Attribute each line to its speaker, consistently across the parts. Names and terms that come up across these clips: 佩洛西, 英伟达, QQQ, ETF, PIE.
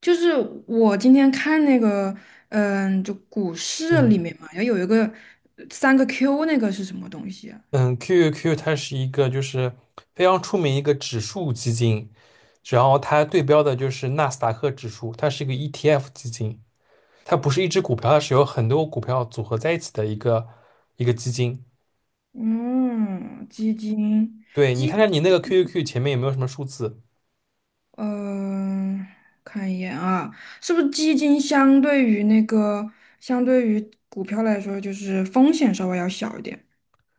Speaker 1: 就是我今天看那个，就股市里
Speaker 2: 嗯
Speaker 1: 面嘛，要有一个三个 Q，那个是什么东西啊？
Speaker 2: 嗯，QQQ 它是一个就是非常出名一个指数基金，然后它对标的就是纳斯达克指数，它是一个 ETF 基金，它不是一只股票，它是有很多股票组合在一起的一个基金。
Speaker 1: 嗯，基金，
Speaker 2: 对，你
Speaker 1: 基，
Speaker 2: 看看你那个 QQQ 前面有没有什么数字？
Speaker 1: 嗯、看一眼啊，是不是基金相对于股票来说，就是风险稍微要小一点，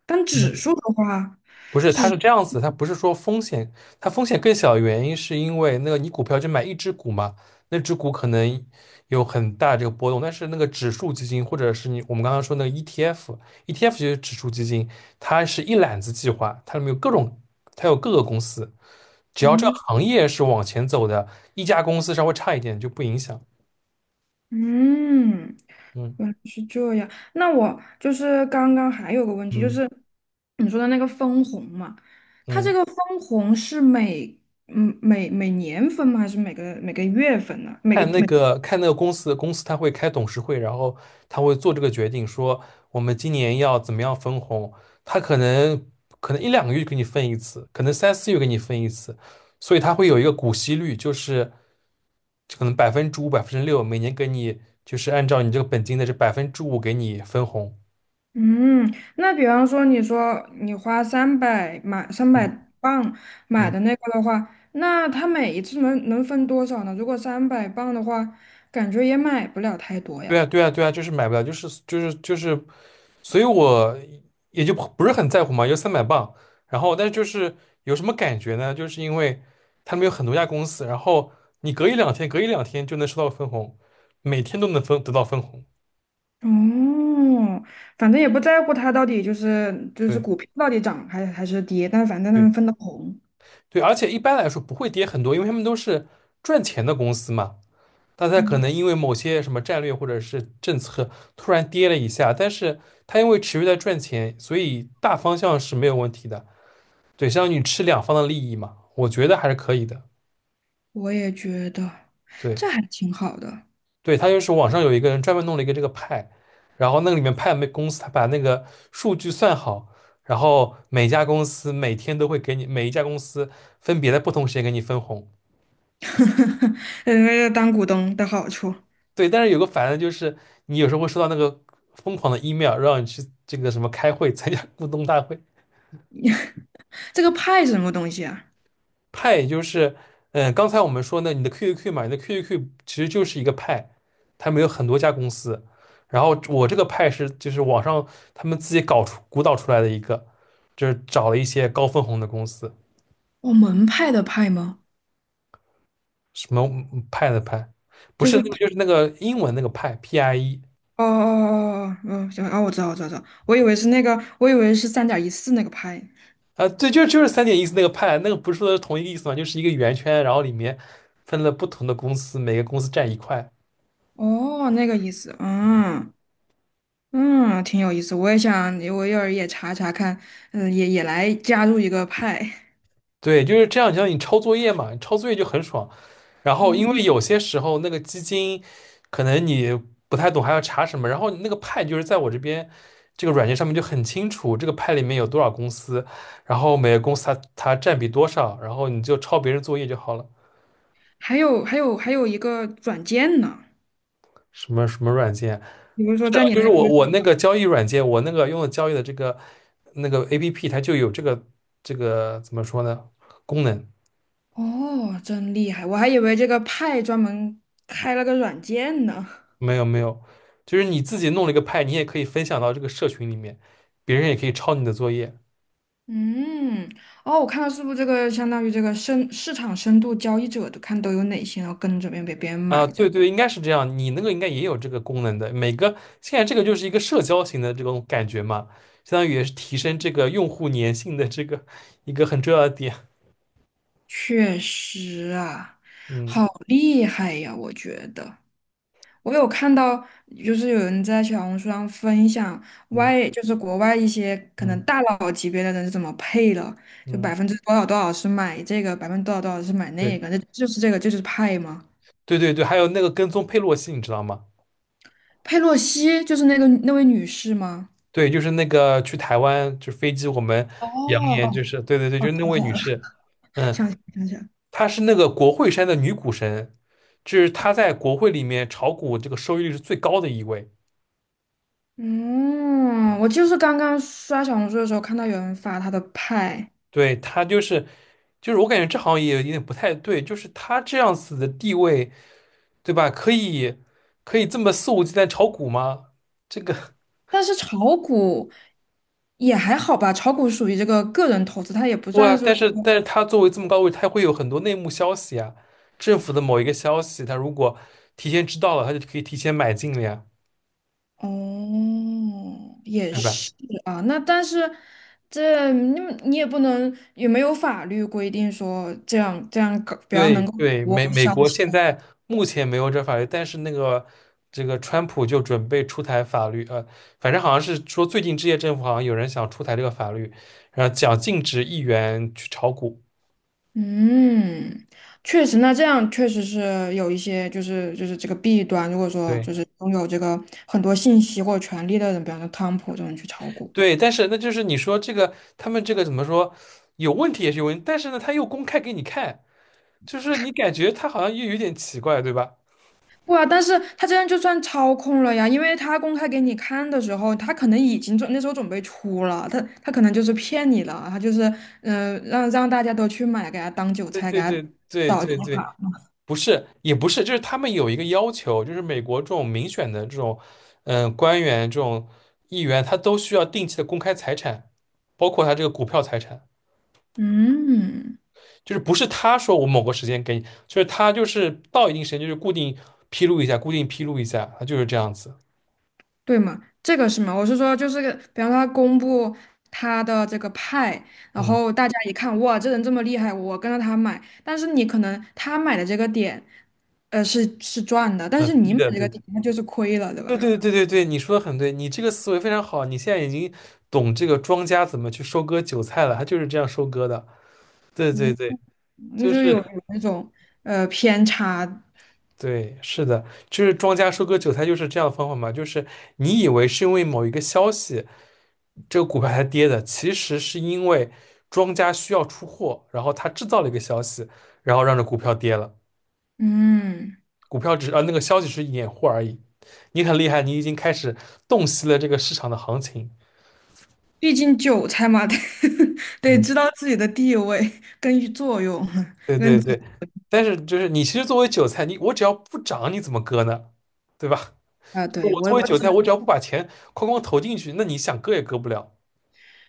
Speaker 1: 但指数的话，
Speaker 2: 不是，它
Speaker 1: 指，
Speaker 2: 是这样子，它不是说风险，它风险更小的原因是因为那个你股票就买一只股嘛，那只股可能有很大这个波动，但是那个指数基金或者是我们刚刚说那个 ETF，ETF 就是指数基金，它是一揽子计划，它里面有各种，它有各个公司，只要这个
Speaker 1: 嗯
Speaker 2: 行业是往前走的，一家公司稍微差一点就不影响。
Speaker 1: 嗯，
Speaker 2: 嗯
Speaker 1: 原来是这样。那我就是刚刚还有个问题，就
Speaker 2: 嗯
Speaker 1: 是你说的那个分红嘛，它这
Speaker 2: 嗯。
Speaker 1: 个分红是每嗯每每年分吗？还是每个月分呢？每个
Speaker 2: 看那
Speaker 1: 每
Speaker 2: 个看那个公司他会开董事会，然后他会做这个决定，说我们今年要怎么样分红。他可能一两个月给你分一次，可能三四月给你分一次，所以他会有一个股息率，就是可能百分之五、6%，每年给你就是按照你这个本金的这百分之五给你分红。
Speaker 1: 嗯，那比方说你说你花三百
Speaker 2: 嗯
Speaker 1: 磅买
Speaker 2: 嗯，
Speaker 1: 的那个的话，那它每一次能分多少呢？如果三百磅的话，感觉也买不了太多
Speaker 2: 对
Speaker 1: 呀。
Speaker 2: 啊对啊对啊，就是买不了，就是就是就是。所以我也就不是很在乎嘛，有300磅。然后，但是就是有什么感觉呢？就是因为他们有很多家公司，然后你隔一两天就能收到分红，每天都能分得到分红。
Speaker 1: 哦，反正也不在乎它到底就是
Speaker 2: 对
Speaker 1: 股票到底涨还是跌，但反正它
Speaker 2: 对
Speaker 1: 能分到红。
Speaker 2: 对，而且一般来说不会跌很多，因为他们都是赚钱的公司嘛。但它可
Speaker 1: 嗯，
Speaker 2: 能因为某些什么战略或者是政策突然跌了一下，但是他因为持续在赚钱，所以大方向是没有问题的。对，相当于你吃两方的利益嘛，我觉得还是可以的。
Speaker 1: 我也觉得
Speaker 2: 对。
Speaker 1: 这还挺好的，
Speaker 2: 对，他就是网上有一个人专门弄了一个这个派，然后那个里面派没公司，他把那个数据算好，然后每家公司每天都会给你每一家公司分别在不同时间给你分红。
Speaker 1: 当股东的好处。
Speaker 2: 对，但是有个烦的就是，你有时候会收到那个疯狂的 email,让你去这个什么开会参加 股东大会，
Speaker 1: 这个派是什么东西啊？
Speaker 2: 派就是，嗯，刚才我们说呢，你的 QQQ 嘛，你的 QQQ 其实就是一个派，他们有很多家公司，然后我这个派是就是网上他们自己鼓捣出来的一个，就是找了一些高分红的公司，
Speaker 1: 哦，门派的派吗？
Speaker 2: 什么派的派，不
Speaker 1: 就
Speaker 2: 是
Speaker 1: 是
Speaker 2: 那个
Speaker 1: 派
Speaker 2: 就是那个英文那个派 PIE
Speaker 1: 哦哦哦哦哦，行哦，我知道我知道知道，我以为是那个，我以为是3.14那个派。
Speaker 2: 啊，对，就是三点意思那个派，那个不是说同一个意思嘛，就是一个圆圈，然后里面分了不同的公司，每个公司占一块。
Speaker 1: 哦，那个意思，嗯，嗯，挺有意思，我也想，我一会儿也查查看，嗯，也来加入一个派。
Speaker 2: 对，就是这样，就像你抄作业嘛，抄作业就很爽。然后，因为
Speaker 1: 嗯，
Speaker 2: 有些时候那个基金，可能你不太懂还要查什么，然后那个派就是在我这边这个软件上面就很清楚，这个派里面有多少公司，然后每个公司它占比多少，然后你就抄别人作业就好了。
Speaker 1: 还有一个软件呢，
Speaker 2: 什么软件？
Speaker 1: 比如说
Speaker 2: 是啊
Speaker 1: 在你
Speaker 2: 就是
Speaker 1: 那个，
Speaker 2: 我那个交易软件，我那个用的交易的这个那个 APP,它就有这个怎么说呢功能。
Speaker 1: 哦，真厉害，我还以为这个派专门开了个软件呢。
Speaker 2: 没有没有，就是你自己弄了一个派，你也可以分享到这个社群里面，别人也可以抄你的作业
Speaker 1: 嗯，哦，我看到是不是这个相当于这个深市场深度交易者的看都有哪些，然后跟着别人被别人买
Speaker 2: 啊。
Speaker 1: 着，
Speaker 2: 对对，应该是这样，你那个应该也有这个功能的。每个现在这个就是一个社交型的这种感觉嘛，相当于也是提升这个用户粘性的这个一个很重要的点。
Speaker 1: 确实啊，好
Speaker 2: 嗯
Speaker 1: 厉害呀，我觉得。我有看到，就是有人在小红书上分享
Speaker 2: 嗯
Speaker 1: 就是国外一些可能
Speaker 2: 嗯
Speaker 1: 大佬级别的人是怎么配的，就
Speaker 2: 嗯，
Speaker 1: 百分之多少多少是买这个，百分之多少多少是买那
Speaker 2: 对
Speaker 1: 个，那就是这个，这就是派吗？
Speaker 2: 对对对，还有那个跟踪佩洛西，你知道吗？
Speaker 1: 佩洛西就是那位女士吗？
Speaker 2: 对，就是那个去台湾，就飞机我们
Speaker 1: 哦
Speaker 2: 扬言就
Speaker 1: 哦，
Speaker 2: 是对对对，就是那位女士，嗯。
Speaker 1: 想起来想起来，
Speaker 2: 她是那个国会山的女股神，就是她在国会里面炒股这个收益率是最高的一位。
Speaker 1: 嗯，我就是刚刚刷小红书的时候看到有人发她的派，
Speaker 2: 对，她就是，就是我感觉这好像也有点不太对，就是她这样子的地位，对吧？可以这么肆无忌惮炒股吗？这个，
Speaker 1: 但是炒股也还好吧，炒股属于这个个人投资，它也不
Speaker 2: 哇！
Speaker 1: 算说。
Speaker 2: 但是她作为这么高位，她会有很多内幕消息啊，政府的某一个消息，她如果提前知道了，她就可以提前买进了呀，
Speaker 1: 哦，也
Speaker 2: 对吧？
Speaker 1: 是啊。那但是这你你也不能，也没有法律规定说这样这样搞不要
Speaker 2: 对
Speaker 1: 能够
Speaker 2: 对，
Speaker 1: 我
Speaker 2: 美美
Speaker 1: 消
Speaker 2: 国
Speaker 1: 息。
Speaker 2: 现在目前没有这法律，但是那个这个川普就准备出台法律，反正好像是说最近这届政府好像有人想出台这个法律，然后讲禁止议员去炒股。
Speaker 1: 嗯，确实，那这样确实是有一些就是这个弊端。如果说就
Speaker 2: 对
Speaker 1: 是拥有这个很多信息或者权利的人，比方说汤普这种人去炒股。
Speaker 2: 对，但是那就是你说这个他们这个怎么说有问题也是有问题，但是呢他又公开给你看，就是你感觉他好像又有点奇怪，对吧？
Speaker 1: 不啊，但是他这样就算操控了呀，因为他公开给你看的时候，他可能已经那时候准备出了，他可能就是骗你了，他就是让大家都去买，给他当韭
Speaker 2: 对
Speaker 1: 菜，给
Speaker 2: 对
Speaker 1: 他
Speaker 2: 对对对对，不是，也不是，就是他们有一个要求，就是美国这种民选的这种，官员这种议员，他都需要定期的公开财产，包括他这个股票财产，
Speaker 1: 嗯，
Speaker 2: 就是不是他说我某个时间给你，就是他就是到一定时间就是固定披露一下，固定披露一下，他就是这样子。
Speaker 1: 对嘛，这个是嘛，我是说就是个比方说他公布他的这个派，然
Speaker 2: 嗯，
Speaker 1: 后大家一看哇，这人这么厉害，我跟着他买，但是你可能他买的这个点是赚的，但
Speaker 2: 很
Speaker 1: 是你
Speaker 2: 低
Speaker 1: 买
Speaker 2: 的，
Speaker 1: 这
Speaker 2: 对
Speaker 1: 个
Speaker 2: 对
Speaker 1: 点他就是亏了，对
Speaker 2: 对
Speaker 1: 吧？
Speaker 2: 对对对对，你说的很对，你这个思维非常好，你现在已经懂这个庄家怎么去收割韭菜了，他就是这样收割的。对对
Speaker 1: 嗯。
Speaker 2: 对，
Speaker 1: 那
Speaker 2: 就
Speaker 1: 就有
Speaker 2: 是。
Speaker 1: 有那种偏差。
Speaker 2: 对，是的，就是庄家收割韭菜就是这样的方法嘛，就是你以为是因为某一个消息，这个股票才跌的，其实是因为庄家需要出货，然后他制造了一个消息，然后让这股票跌了，
Speaker 1: 嗯，
Speaker 2: 股票只是那个消息是掩护而已。你很厉害，你已经开始洞悉了这个市场的行情。
Speaker 1: 毕竟韭菜嘛，得 得
Speaker 2: 嗯，
Speaker 1: 知道自己的地位跟作用，
Speaker 2: 对
Speaker 1: 跟
Speaker 2: 对
Speaker 1: 自己
Speaker 2: 对，但是就是你其实作为韭菜，我只要不涨，你怎么割呢？对吧？
Speaker 1: 啊，
Speaker 2: 我
Speaker 1: 对，我
Speaker 2: 作为
Speaker 1: 我
Speaker 2: 韭菜，我只要不把钱哐哐投进去，那你想割也割不了。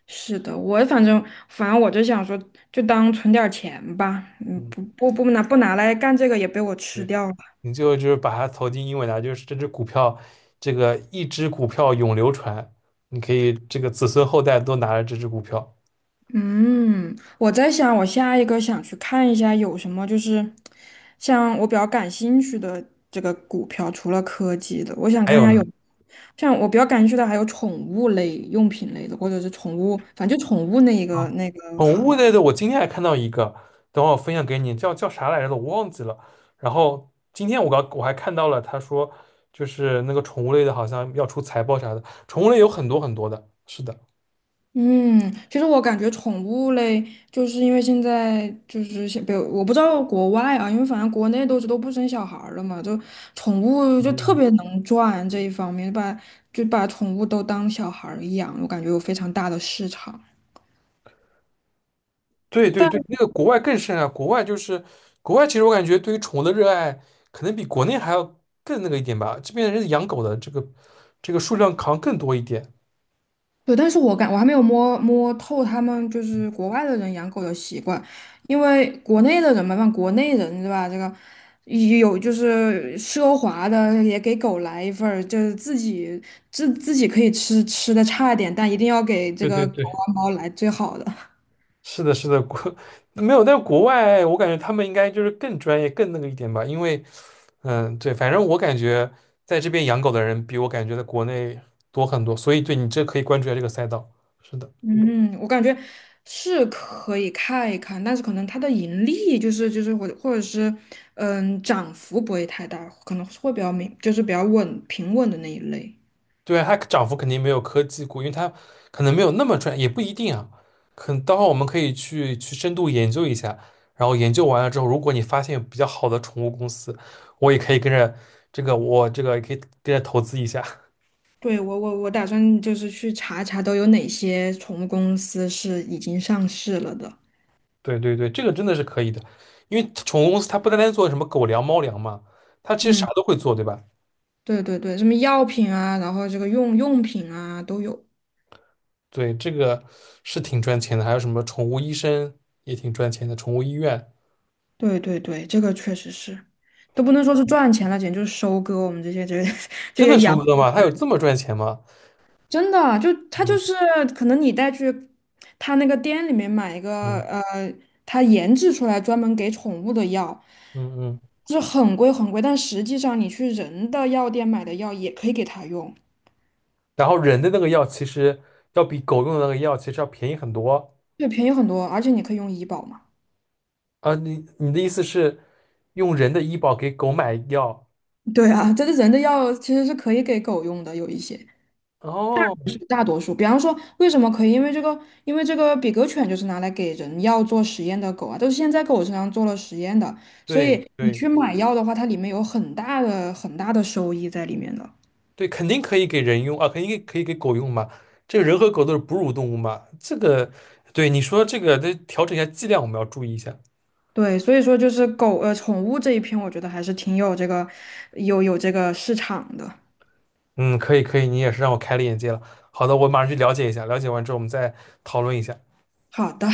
Speaker 1: 是的，我反正我就想说，就当存点儿钱吧，
Speaker 2: 嗯。
Speaker 1: 不拿来干这个也被我吃掉了。
Speaker 2: 你最后就是把它投进英伟达，就是这只股票，这个一只股票永流传，你可以这个子孙后代都拿着这只股票。
Speaker 1: 嗯，我在想，我下一个想去看一下有什么，就是像我比较感兴趣的这个股票，除了科技的，我想
Speaker 2: 还
Speaker 1: 看一
Speaker 2: 有
Speaker 1: 下
Speaker 2: 呢，
Speaker 1: 有像我比较感兴趣的还有宠物类、用品类的，或者是宠物，反正就宠物那一个
Speaker 2: 啊，
Speaker 1: 那个
Speaker 2: 宠
Speaker 1: 行
Speaker 2: 物
Speaker 1: 业。
Speaker 2: 类的，我今天还看到一个，等会儿我分享给你，叫啥来着的我忘记了。然后今天我还看到了，他说就是那个宠物类的，好像要出财报啥的，宠物类有很多很多的，是的，
Speaker 1: 嗯，其实我感觉宠物类，就是因为现在就是像，比如我不知道国外啊，因为反正国内都不生小孩儿了嘛，就宠物
Speaker 2: 嗯
Speaker 1: 就特
Speaker 2: 嗯。
Speaker 1: 别能赚这一方面，把就把宠物都当小孩儿养，我感觉有非常大的市场。
Speaker 2: 对对对，那个国外更甚啊，国外，其实我感觉对于宠物的热爱可能比国内还要更那个一点吧。这边人养狗的这个数量好像更多一点。
Speaker 1: 对，但是我还没有摸摸透他们就是国外的人养狗的习惯，因为国内的人嘛，像国内人对吧？这个也有就是奢华的，也给狗来一份儿，就是自己可以吃的差一点，但一定要给这
Speaker 2: 对对
Speaker 1: 个狗
Speaker 2: 对，
Speaker 1: 啊猫来最好的。
Speaker 2: 是的，是的，没有，但是国外我感觉他们应该就是更专业、更那个一点吧。因为对，反正我感觉在这边养狗的人比我感觉在国内多很多，所以对你这可以关注一下这个赛道。是的。
Speaker 1: 嗯，我感觉是可以看一看，但是可能它的盈利就是或者是涨幅不会太大，可能会比较明就是比较稳平稳的那一类。
Speaker 2: 对，它涨幅肯定没有科技股，因为它可能没有那么赚，也不一定啊。可能待会儿我们可以去深度研究一下，然后研究完了之后，如果你发现有比较好的宠物公司，我也可以跟着这个，我这个也可以跟着投资一下。
Speaker 1: 对，我打算就是去查一查都有哪些宠物公司是已经上市了的。
Speaker 2: 对对对，这个真的是可以的，因为宠物公司它不单单做什么狗粮、猫粮嘛，它其实啥
Speaker 1: 嗯，
Speaker 2: 都会做，对吧？
Speaker 1: 对对对，什么药品啊，然后这个用品啊都有。
Speaker 2: 对，这个是挺赚钱的，还有什么宠物医生也挺赚钱的，宠物医院
Speaker 1: 对对对，这个确实是，都不能说是赚钱了，简直就是收割我们这些这 这
Speaker 2: 真
Speaker 1: 些
Speaker 2: 的收
Speaker 1: 养。
Speaker 2: 割吗？它有这么赚钱吗？
Speaker 1: 真的，就它
Speaker 2: 嗯
Speaker 1: 就是可能你带去它那个店里面买一个
Speaker 2: 嗯
Speaker 1: 它研制出来专门给宠物的药，
Speaker 2: 嗯嗯。
Speaker 1: 就是很贵很贵，但实际上你去人的药店买的药也可以给它用，
Speaker 2: 然后人的那个药其实要比狗用的那个药其实要便宜很多
Speaker 1: 对，便宜很多，而且你可以用医保嘛。
Speaker 2: 啊。你的意思是用人的医保给狗买药？
Speaker 1: 对啊，这个人的药其实是可以给狗用的，有一些。
Speaker 2: 哦，
Speaker 1: 大多数，比方说，为什么可以？因为这个比格犬就是拿来给人药做实验的狗啊，都是现在狗身上做了实验的，所
Speaker 2: 对
Speaker 1: 以你
Speaker 2: 对
Speaker 1: 去买药的话，它里面有很大的很大的收益在里面的。
Speaker 2: 对，肯定可以给人用啊，肯定可以给狗用嘛。这个人和狗都是哺乳动物嘛，这个对你说这个得调整一下剂量，我们要注意一下。
Speaker 1: 对，所以说就是狗，宠物这一篇，我觉得还是挺有这个市场的。
Speaker 2: 嗯，可以可以，你也是让我开了眼界了。好的，我马上去了解一下，了解完之后我们再讨论一下。
Speaker 1: 好的。